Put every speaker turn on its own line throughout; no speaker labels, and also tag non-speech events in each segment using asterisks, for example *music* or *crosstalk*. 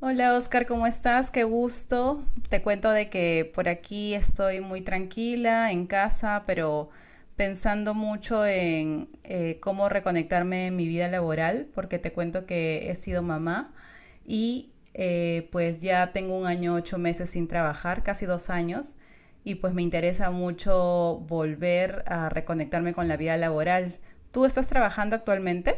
Hola Oscar, ¿cómo estás? Qué gusto. Te cuento de que por aquí estoy muy tranquila en casa, pero pensando mucho en cómo reconectarme en mi vida laboral, porque te cuento que he sido mamá y pues ya tengo 1 año, 8 meses sin trabajar, casi 2 años, y pues me interesa mucho volver a reconectarme con la vida laboral. ¿Tú estás trabajando actualmente?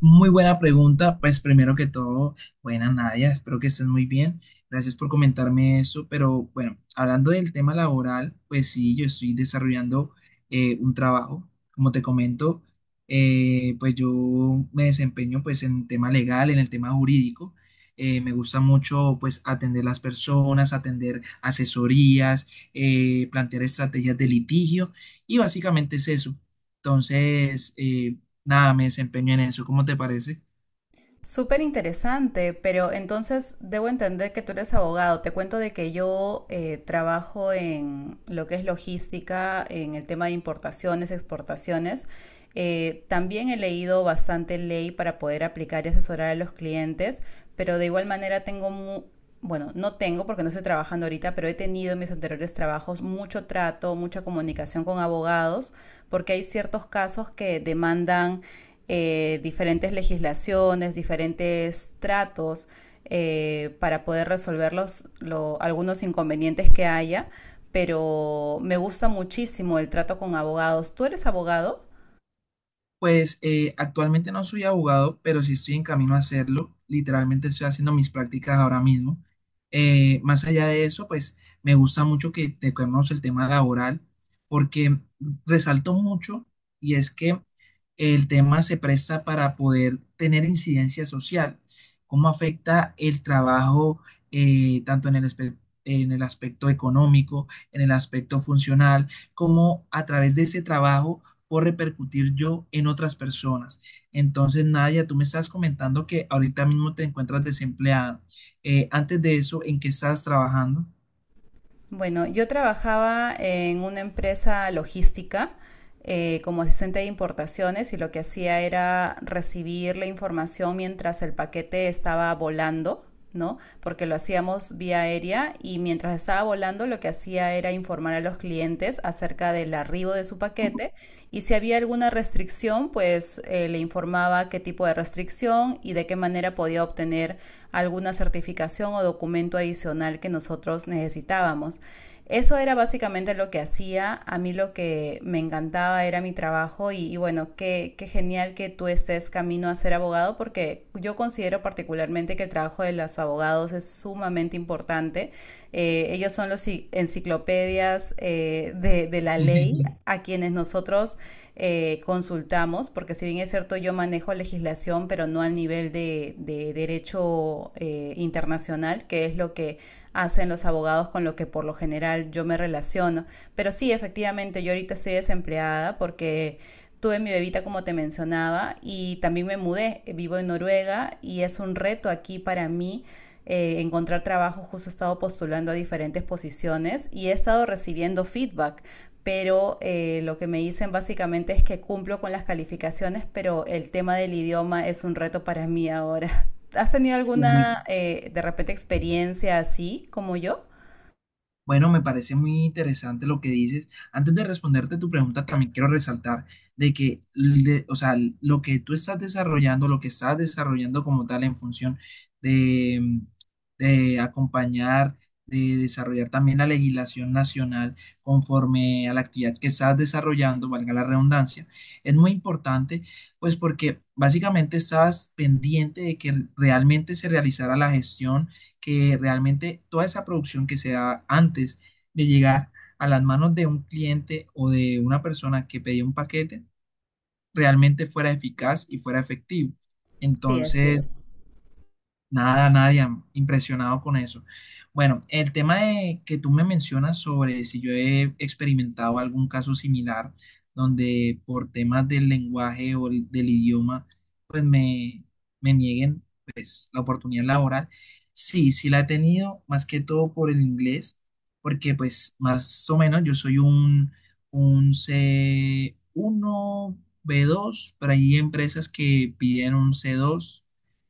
Muy buena pregunta. Pues primero que todo, buena Nadia, espero que estés muy bien. Gracias por comentarme eso. Pero bueno, hablando del tema laboral, pues sí, yo estoy desarrollando un trabajo. Como te comento, pues yo me desempeño pues en tema legal, en el tema jurídico. Me gusta mucho pues atender las personas, atender asesorías, plantear estrategias de litigio y básicamente es eso. Entonces, nada, me desempeño en eso. ¿Cómo te parece?
Súper interesante, pero entonces debo entender que tú eres abogado. Te cuento de que yo trabajo en lo que es logística, en el tema de importaciones, exportaciones. También he leído bastante ley para poder aplicar y asesorar a los clientes, pero de igual manera tengo, bueno, no tengo porque no estoy trabajando ahorita, pero he tenido en mis anteriores trabajos mucho trato, mucha comunicación con abogados, porque hay ciertos casos que demandan diferentes legislaciones, diferentes tratos para poder resolver los, algunos inconvenientes que haya, pero me gusta muchísimo el trato con abogados. ¿Tú eres abogado?
Pues actualmente no soy abogado, pero sí estoy en camino a hacerlo. Literalmente estoy haciendo mis prácticas ahora mismo. Más allá de eso, pues me gusta mucho que te tocamos el tema laboral, porque resalto mucho y es que el tema se presta para poder tener incidencia social. ¿Cómo afecta el trabajo tanto en el, en el aspecto económico, en el aspecto funcional, como a través de ese trabajo puedo repercutir yo en otras personas? Entonces, Nadia, tú me estás comentando que ahorita mismo te encuentras desempleada. Antes de eso, ¿en qué estás trabajando?
Bueno, yo trabajaba en una empresa logística como asistente de importaciones y lo que hacía era recibir la información mientras el paquete estaba volando, ¿no? Porque lo hacíamos vía aérea y mientras estaba volando lo que hacía era informar a los clientes acerca del arribo de su paquete y si había alguna restricción, pues le informaba qué tipo de restricción y de qué manera podía obtener alguna certificación o documento adicional que nosotros necesitábamos. Eso era básicamente lo que hacía. A mí lo que me encantaba era mi trabajo y bueno, qué genial que tú estés camino a ser abogado porque yo considero particularmente que el trabajo de los abogados es sumamente importante. Ellos son los enciclopedias de la ley
*laughs*
a quienes nosotros consultamos, porque si bien es cierto yo manejo legislación, pero no al nivel de derecho internacional, que es lo que hacen los abogados con lo que por lo general yo me relaciono. Pero sí, efectivamente, yo ahorita estoy desempleada porque tuve mi bebita como te mencionaba y también me mudé, vivo en Noruega y es un reto aquí para mí encontrar trabajo, justo he estado postulando a diferentes posiciones y he estado recibiendo feedback pero lo que me dicen básicamente es que cumplo con las calificaciones, pero el tema del idioma es un reto para mí ahora. *laughs* ¿Has tenido
Uy,
alguna, de repente, experiencia así como yo?
bueno, me parece muy interesante lo que dices. Antes de responderte tu pregunta, también quiero resaltar de que, o sea, lo que tú estás desarrollando, lo que estás desarrollando como tal en función de, de acompañar, de desarrollar también la legislación nacional conforme a la actividad que estás desarrollando, valga la redundancia, es muy importante, pues porque básicamente estás pendiente de que realmente se realizara la gestión, que realmente toda esa producción que se da antes de llegar a las manos de un cliente o de una persona que pedía un paquete, realmente fuera eficaz y fuera efectivo.
Sí, así
Entonces,
es.
nada, nadie, impresionado con eso. Bueno, el tema de que tú me mencionas sobre si yo he experimentado algún caso similar donde por temas del lenguaje o del idioma, pues me nieguen, pues, la oportunidad laboral. Sí, sí la he tenido, más que todo por el inglés, porque pues más o menos yo soy un C1 B2, pero hay empresas que piden un C2,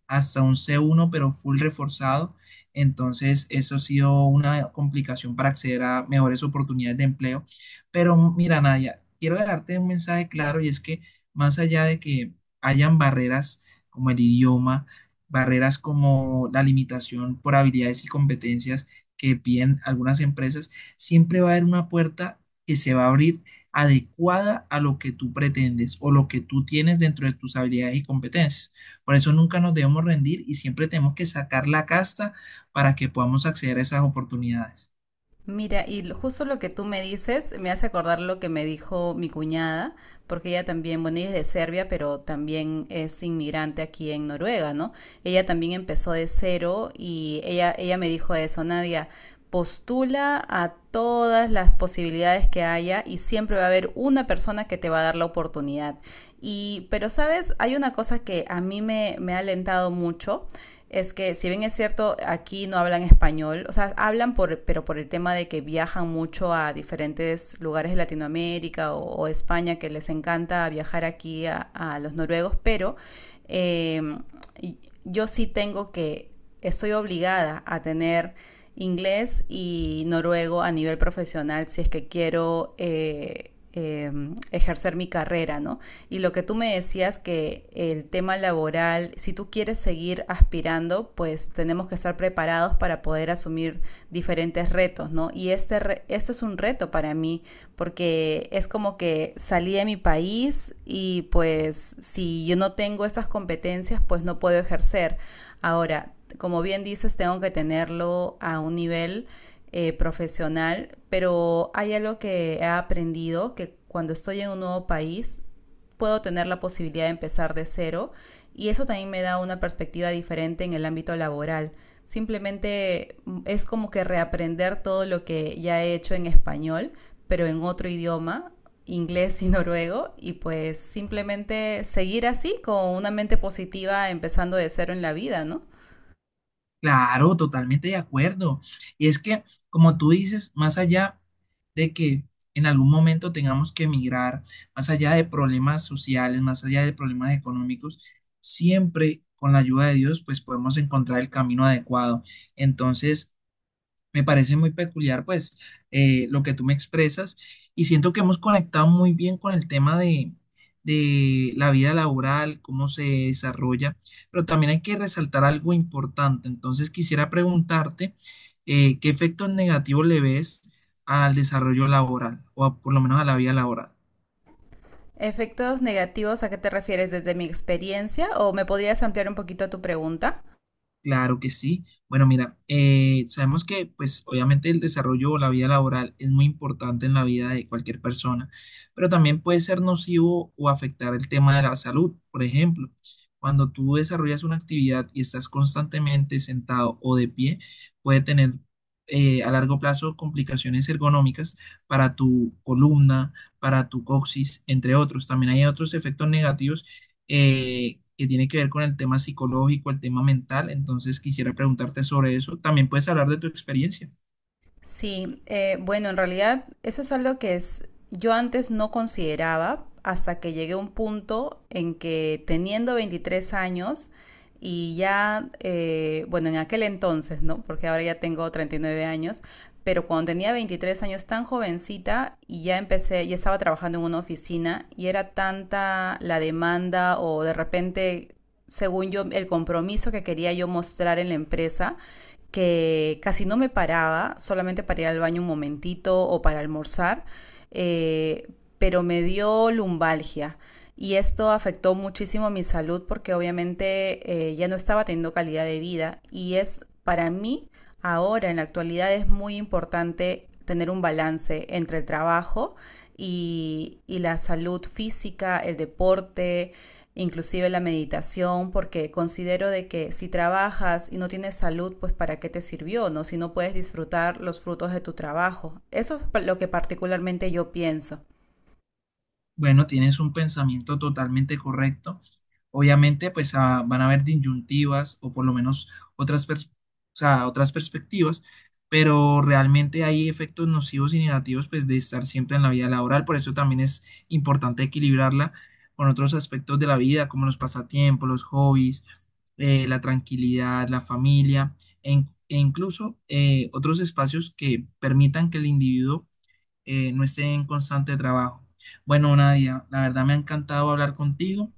hasta un C1, pero full reforzado. Entonces, eso ha sido una complicación para acceder a mejores oportunidades de empleo. Pero mira, Nadia, quiero dejarte un mensaje claro, y es que más allá de que hayan barreras como el idioma, barreras como la limitación por habilidades y competencias que piden algunas empresas, siempre va a haber una puerta que se va a abrir adecuada a lo que tú pretendes o lo que tú tienes dentro de tus habilidades y competencias. Por eso nunca nos debemos rendir y siempre tenemos que sacar la casta para que podamos acceder a esas oportunidades.
Mira, y justo lo que tú me dices me hace acordar lo que me dijo mi cuñada, porque ella también, bueno, ella es de Serbia, pero también es inmigrante aquí en Noruega, ¿no? Ella también empezó de cero y ella me dijo eso, Nadia, postula a todas las posibilidades que haya y siempre va a haber una persona que te va a dar la oportunidad. Y, pero sabes, hay una cosa que a mí mí me, me ha alentado mucho es que si bien es cierto, aquí no hablan español, o sea, hablan por, pero por el tema de que viajan mucho a diferentes lugares de Latinoamérica o España, que les encanta viajar aquí a los noruegos, pero eh, yo sí tengo que, estoy obligada a tener inglés y noruego a nivel profesional si es que quiero... ejercer mi carrera, ¿no? Y lo que tú me decías que el tema laboral, si tú quieres seguir aspirando, pues tenemos que estar preparados para poder asumir diferentes retos, ¿no? Y este re esto es un reto para mí, porque es como que salí de mi país y pues si yo no tengo esas competencias, pues no puedo ejercer. Ahora, como bien dices, tengo que tenerlo a un nivel profesional, pero hay algo que he aprendido, que cuando estoy en un nuevo país puedo tener la posibilidad de empezar de cero y eso también me da una perspectiva diferente en el ámbito laboral. Simplemente es como que reaprender todo lo que ya he hecho en español, pero en otro idioma, inglés y *laughs* noruego, y pues simplemente seguir así con una mente positiva empezando de cero en la vida, ¿no?
Claro, totalmente de acuerdo. Y es que, como tú dices, más allá de que en algún momento tengamos que emigrar, más allá de problemas sociales, más allá de problemas económicos, siempre con la ayuda de Dios, pues podemos encontrar el camino adecuado. Entonces, me parece muy peculiar, pues, lo que tú me expresas, y siento que hemos conectado muy bien con el tema de la vida laboral, cómo se desarrolla, pero también hay que resaltar algo importante. Entonces, quisiera preguntarte, ¿qué efectos negativos le ves al desarrollo laboral o por lo menos a la vida laboral?
Efectos negativos, ¿a qué te refieres desde mi experiencia? ¿O me podrías ampliar un poquito tu pregunta?
Claro que sí. Bueno, mira, sabemos que pues obviamente el desarrollo o la vida laboral es muy importante en la vida de cualquier persona, pero también puede ser nocivo o afectar el tema de la salud. Por ejemplo, cuando tú desarrollas una actividad y estás constantemente sentado o de pie, puede tener, a largo plazo, complicaciones ergonómicas para tu columna, para tu coxis, entre otros. También hay otros efectos negativos, que tiene que ver con el tema psicológico, el tema mental. Entonces quisiera preguntarte sobre eso. También puedes hablar de tu experiencia.
Sí, bueno, en realidad eso es algo que es, yo antes no consideraba hasta que llegué a un punto en que teniendo 23 años y ya, bueno, en aquel entonces, ¿no? Porque ahora ya tengo 39 años, pero cuando tenía 23 años tan jovencita y ya empecé, ya estaba trabajando en una oficina y era tanta la demanda o de repente, según yo, el compromiso que quería yo mostrar en la empresa que casi no me paraba, solamente para ir al baño un momentito o para almorzar, eh, pero me dio lumbalgia. Y esto afectó muchísimo mi salud porque obviamente ya no estaba teniendo calidad de vida. Y es para mí, ahora en la actualidad, es muy importante tener un balance entre el trabajo y la salud física, el deporte, inclusive la meditación, porque considero de que si trabajas y no tienes salud, pues para qué te sirvió, ¿no? Si no puedes disfrutar los frutos de tu trabajo. Eso es lo que particularmente yo pienso.
Bueno, tienes un pensamiento totalmente correcto. Obviamente, pues, van a haber disyuntivas o por lo menos otras, o sea, otras perspectivas, pero realmente hay efectos nocivos y negativos pues de estar siempre en la vida laboral. Por eso también es importante equilibrarla con otros aspectos de la vida, como los pasatiempos, los hobbies, la tranquilidad, la familia e incluso, otros espacios que permitan que el individuo, no esté en constante trabajo. Bueno, Nadia, la verdad me ha encantado hablar contigo.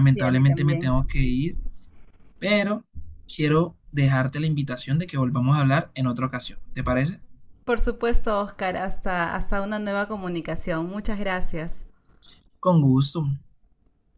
Sí, a mí
me
también.
tengo que ir, pero quiero dejarte la invitación de que volvamos a hablar en otra ocasión. ¿Te parece?
Por supuesto, Oscar, hasta una nueva comunicación. Muchas gracias.
Con gusto.